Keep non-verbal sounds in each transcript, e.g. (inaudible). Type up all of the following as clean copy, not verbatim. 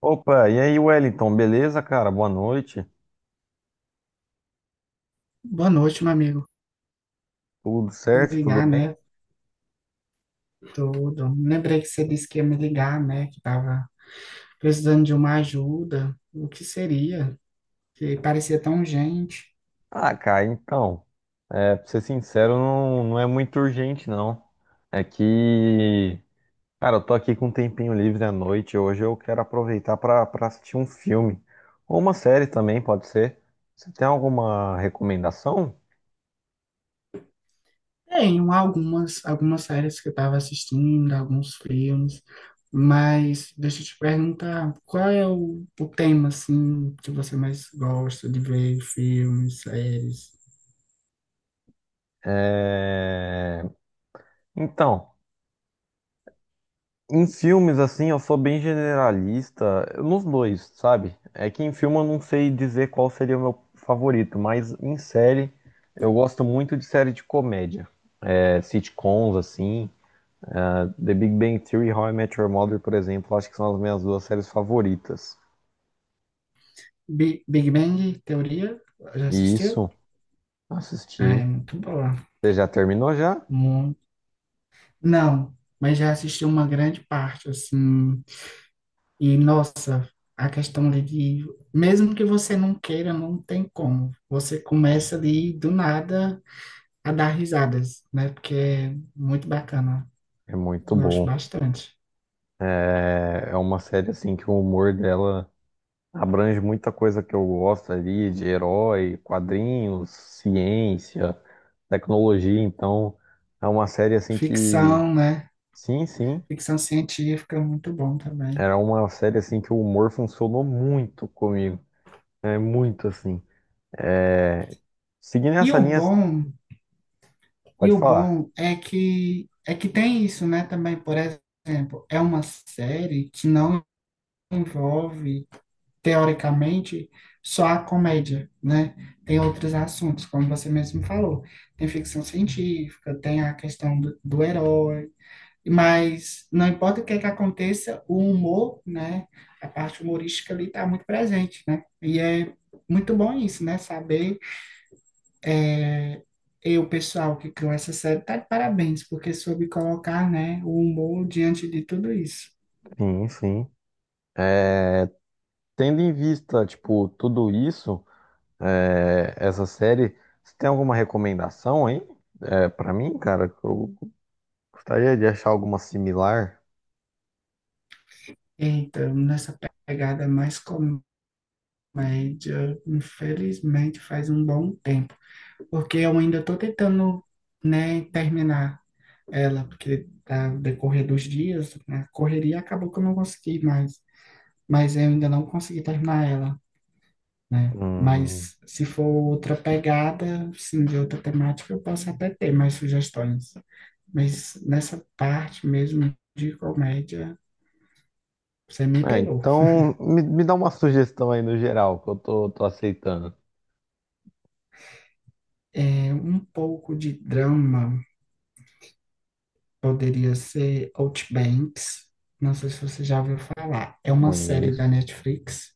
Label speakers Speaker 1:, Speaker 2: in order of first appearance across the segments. Speaker 1: Opa, e aí, Wellington, beleza, cara? Boa noite.
Speaker 2: Boa noite, meu amigo.
Speaker 1: Tudo
Speaker 2: Me
Speaker 1: certo? Tudo
Speaker 2: ligar,
Speaker 1: bem?
Speaker 2: né? Tudo. Lembrei que você disse que ia me ligar, né? Que estava precisando de uma ajuda. O que seria? Que parecia tão urgente.
Speaker 1: Ah, cara, então, pra ser sincero, não é muito urgente, não. É que, cara, eu tô aqui com um tempinho livre à noite. Hoje eu quero aproveitar pra assistir um filme. Ou uma série também, pode ser. Você tem alguma recomendação?
Speaker 2: Tem um, algumas séries que eu estava assistindo, alguns filmes, mas deixa eu te perguntar, qual é o tema, assim, que você mais gosta de ver, filmes, séries?
Speaker 1: É... Então, em filmes, assim, eu sou bem generalista nos dois, sabe? É que em filme eu não sei dizer qual seria o meu favorito, mas em série eu gosto muito de série de comédia. É, sitcoms, assim, é, The Big Bang Theory e How I Met Your Mother, por exemplo, acho que são as minhas duas séries favoritas.
Speaker 2: Big Bang Teoria? Já
Speaker 1: E
Speaker 2: assistiu?
Speaker 1: isso,
Speaker 2: Ah, é
Speaker 1: assisti.
Speaker 2: muito boa.
Speaker 1: Você já terminou já?
Speaker 2: Não, mas já assisti uma grande parte, assim. E, nossa, a questão ali de. Mesmo que você não queira, não tem como. Você começa ali do nada a dar risadas, né? Porque é muito bacana.
Speaker 1: É muito
Speaker 2: Eu gosto
Speaker 1: bom.
Speaker 2: bastante.
Speaker 1: É, é uma série, assim, que o humor dela abrange muita coisa que eu gosto ali, de herói, quadrinhos, ciência, tecnologia. Então, é uma série assim que,
Speaker 2: Ficção, né?
Speaker 1: sim, sim,
Speaker 2: Ficção científica, muito bom também.
Speaker 1: era uma série assim que o humor funcionou muito comigo. É muito assim. É... Seguindo
Speaker 2: E
Speaker 1: essa
Speaker 2: o
Speaker 1: linha,
Speaker 2: bom, e
Speaker 1: pode
Speaker 2: o
Speaker 1: falar.
Speaker 2: bom é que tem isso, né? Também, por exemplo, é uma série que não envolve teoricamente, só a comédia, né? Tem outros assuntos, como você mesmo falou. Tem ficção científica, tem a questão do herói, mas não importa o que é que aconteça, o humor, né? A parte humorística ali está muito presente, né? E é muito bom isso, né? Saber é, e o pessoal que criou essa série tá de parabéns, porque soube colocar, né, o humor diante de tudo isso.
Speaker 1: Sim, sim. Tendo em vista, tipo, tudo isso, é, essa série, você tem alguma recomendação aí, é, para mim, cara? Eu gostaria de achar alguma similar.
Speaker 2: Então, nessa pegada mais com média, infelizmente faz um bom tempo, porque eu ainda estou tentando, né, terminar ela, porque ao decorrer dos dias, né, a correria acabou que eu não consegui mais, mas eu ainda não consegui terminar ela, né?
Speaker 1: Hum.
Speaker 2: Mas se for outra pegada, sim, de outra temática, eu posso até ter mais sugestões. Mas nessa parte mesmo de comédia, você me
Speaker 1: É,
Speaker 2: pegou.
Speaker 1: então me dá uma sugestão aí no geral, que eu tô aceitando.
Speaker 2: É um pouco de drama. Poderia ser Outbanks. Não sei se você já ouviu falar. É uma série da
Speaker 1: Conheço.
Speaker 2: Netflix.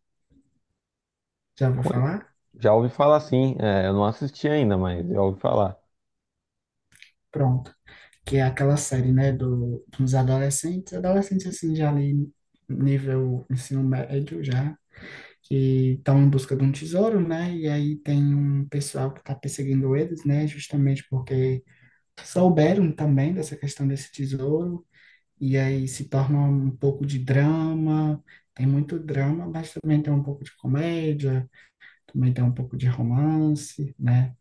Speaker 2: Já ouviu
Speaker 1: conhe-
Speaker 2: falar?
Speaker 1: Já ouvi falar, sim, é, eu não assisti ainda, mas já ouvi falar.
Speaker 2: Pronto. Que é aquela série, né, do, dos adolescentes. Adolescentes, assim, já ali nível ensino médio já. Que estão em busca de um tesouro, né? E aí tem um pessoal que está perseguindo eles, né? Justamente porque souberam também dessa questão desse tesouro. E aí se torna um pouco de drama. Tem muito drama, mas também tem um pouco de comédia também tem um pouco de romance, né?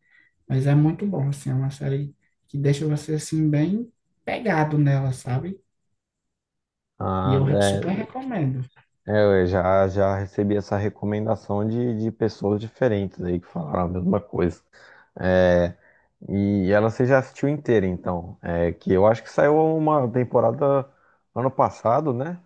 Speaker 2: Mas é muito bom, assim, é uma série que deixa você, assim, bem pegado nela, sabe? E
Speaker 1: Ah,
Speaker 2: eu super recomendo.
Speaker 1: é, é, eu já recebi essa recomendação de pessoas diferentes aí que falaram a mesma coisa. É, e ela você já assistiu inteira, então. É, que eu acho que saiu uma temporada ano passado, né?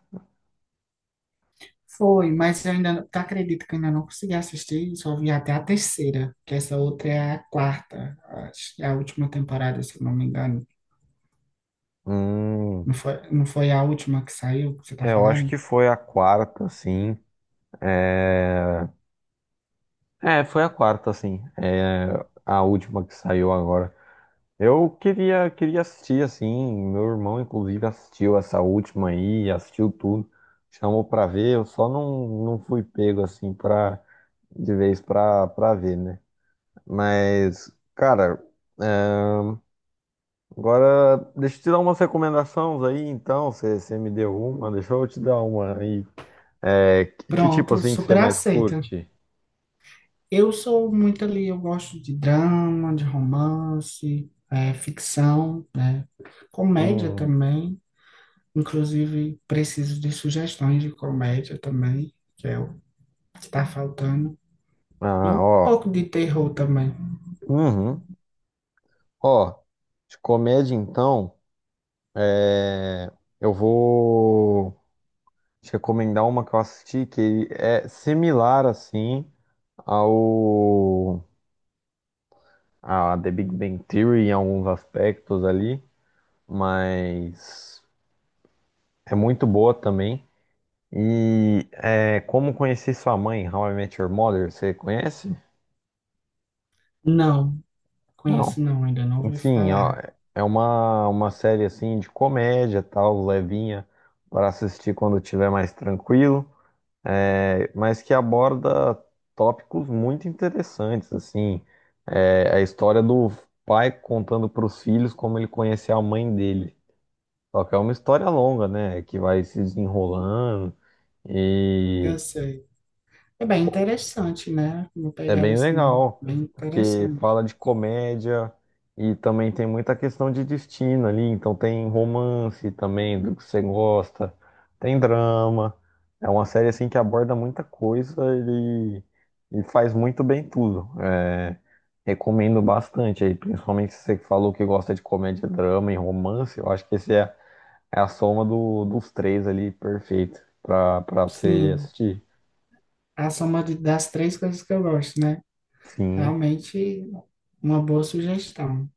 Speaker 2: Foi, mas eu ainda, tu acredita que eu ainda não consegui assistir, só vi até a terceira, que essa outra é a quarta, acho que é a última temporada, se eu não me engano.
Speaker 1: Hum,
Speaker 2: Não foi a última que saiu, que você tá
Speaker 1: é, eu acho
Speaker 2: falando?
Speaker 1: que foi a quarta, sim. É. É, foi a quarta, assim. É a última que saiu agora. Eu queria assistir, assim. Meu irmão, inclusive, assistiu essa última aí, assistiu tudo. Chamou pra ver, eu só não fui pego, assim, pra, de vez pra ver, né? Mas, cara, é, agora deixa eu te dar umas recomendações aí, então. Você me deu uma, deixa eu te dar uma aí. É, que tipo,
Speaker 2: Pronto,
Speaker 1: assim, que você
Speaker 2: super
Speaker 1: mais
Speaker 2: aceito.
Speaker 1: curte?
Speaker 2: Eu sou muito ali, eu gosto de drama, de romance, ficção, né? Comédia
Speaker 1: Hum,
Speaker 2: também. Inclusive, preciso de sugestões de comédia também, que é o que está faltando. E
Speaker 1: ah,
Speaker 2: um
Speaker 1: ó.
Speaker 2: pouco de terror também.
Speaker 1: Uhum. Ó, de comédia então, é, eu vou te recomendar uma que eu assisti que é similar assim ao a The Big Bang Theory em alguns aspectos ali, mas é muito boa também. E é Como Conhecer Sua Mãe, How I Met Your Mother, você conhece?
Speaker 2: Não, conheço
Speaker 1: Não.
Speaker 2: não, ainda não ouvi
Speaker 1: Enfim, ó,
Speaker 2: falar.
Speaker 1: é uma série assim de comédia, tal, levinha, para assistir quando estiver mais tranquilo. É, mas que aborda tópicos muito interessantes, assim. É, a história do pai contando para os filhos como ele conheceu a mãe dele. Só que é uma história longa, né, que vai se desenrolando
Speaker 2: Eu
Speaker 1: e
Speaker 2: sei. É bem interessante, né? Uma
Speaker 1: é
Speaker 2: pegada
Speaker 1: bem
Speaker 2: assim,
Speaker 1: legal,
Speaker 2: bem
Speaker 1: porque
Speaker 2: interessante.
Speaker 1: fala de comédia e também tem muita questão de destino ali, então tem romance também do que você gosta, tem drama. É uma série assim que aborda muita coisa e, e faz muito bem tudo. É, recomendo bastante aí, principalmente se você que falou que gosta de comédia, drama e romance, eu acho que esse é, é a soma dos três ali perfeito para você
Speaker 2: Sim,
Speaker 1: assistir.
Speaker 2: a soma das três coisas que eu gosto, né?
Speaker 1: Sim.
Speaker 2: Realmente, uma boa sugestão.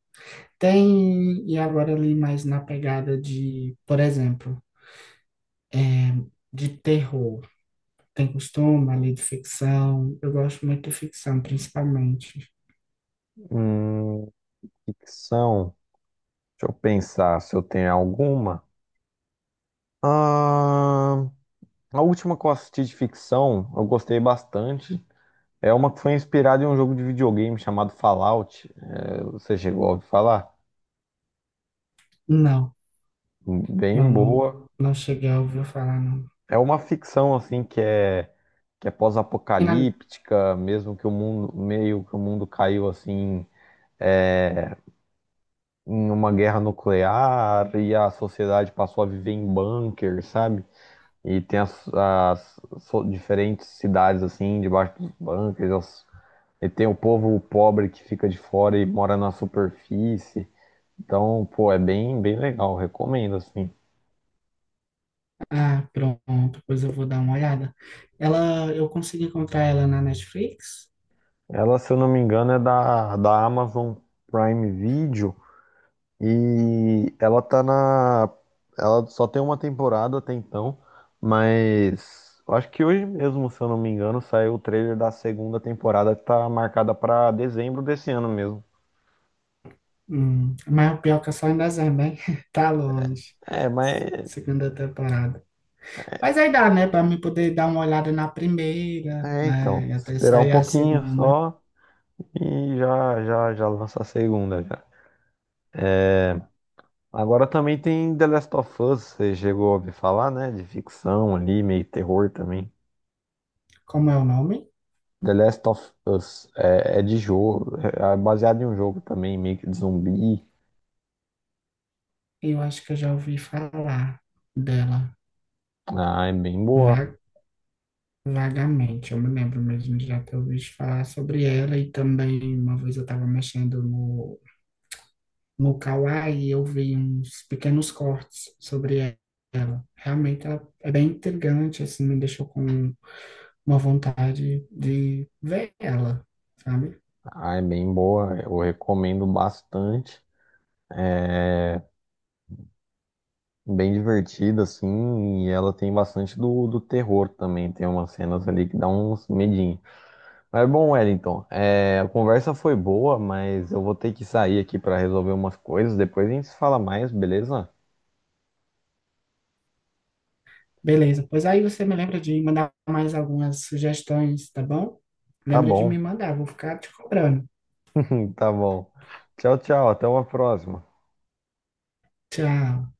Speaker 2: Tem, e agora ali mais na pegada de, por exemplo, é, de terror. Tem costume ali de ficção. Eu gosto muito de ficção, principalmente.
Speaker 1: Hum, ficção. Deixa eu pensar se eu tenho alguma. Ah, a última que eu assisti de ficção, eu gostei bastante. É uma que foi inspirada em um jogo de videogame chamado Fallout. É, você chegou a ouvir falar?
Speaker 2: Não, não,
Speaker 1: Bem
Speaker 2: não,
Speaker 1: boa.
Speaker 2: não cheguei a ouvir falar, não.
Speaker 1: É uma ficção assim que é
Speaker 2: Tem nada.
Speaker 1: pós-apocalíptica, mesmo que o mundo, meio que o mundo caiu assim, é, em uma guerra nuclear e a sociedade passou a viver em bunker, sabe? E tem as, diferentes cidades, assim, debaixo dos bunkers. E tem o povo pobre que fica de fora e mora na superfície. Então, pô, é bem, bem legal. Recomendo, assim.
Speaker 2: Ah, pronto, pois eu vou dar uma olhada. Ela, eu consegui encontrar ela na Netflix,
Speaker 1: Ela, se eu não me engano, é da, da Amazon Prime Video. E ela tá na. Ela só tem uma temporada até então. Mas eu acho que hoje mesmo, se eu não me engano, saiu o trailer da segunda temporada que tá marcada pra dezembro desse ano mesmo.
Speaker 2: mas o pior é que é só em dezembro, hein? (laughs) Tá longe.
Speaker 1: É, mas
Speaker 2: Segunda temporada. Mas aí dá, né, para mim poder dar uma olhada na primeira,
Speaker 1: é, então,
Speaker 2: né, e até
Speaker 1: esperar um
Speaker 2: sair a
Speaker 1: pouquinho
Speaker 2: segunda.
Speaker 1: só e já lança a segunda já. Agora também tem The Last of Us, você chegou a ouvir falar, né? De ficção ali, meio terror também.
Speaker 2: Como é o nome?
Speaker 1: The Last of Us é, é de jogo, é baseado em um jogo também, meio que de zumbi.
Speaker 2: Eu acho que eu já ouvi falar dela
Speaker 1: Ah, é bem boa.
Speaker 2: va- vagamente. Eu me lembro mesmo de já ter ouvido falar sobre ela e também uma vez eu estava mexendo no no Kawaii e eu vi uns pequenos cortes sobre ela. Realmente ela é bem intrigante, assim, me deixou com uma vontade de ver ela, sabe?
Speaker 1: Ah, é bem boa, eu recomendo bastante. É bem divertida, assim, e ela tem bastante do, do terror também. Tem umas cenas ali que dá uns medinhos. Mas bom, Wellington, é, a conversa foi boa, mas eu vou ter que sair aqui para resolver umas coisas. Depois a gente se fala mais, beleza?
Speaker 2: Beleza, pois aí você me lembra de mandar mais algumas sugestões, tá bom?
Speaker 1: Tá
Speaker 2: Lembra de me
Speaker 1: bom,
Speaker 2: mandar, vou ficar te cobrando.
Speaker 1: tá bom. Tchau, tchau, até uma próxima.
Speaker 2: Tchau.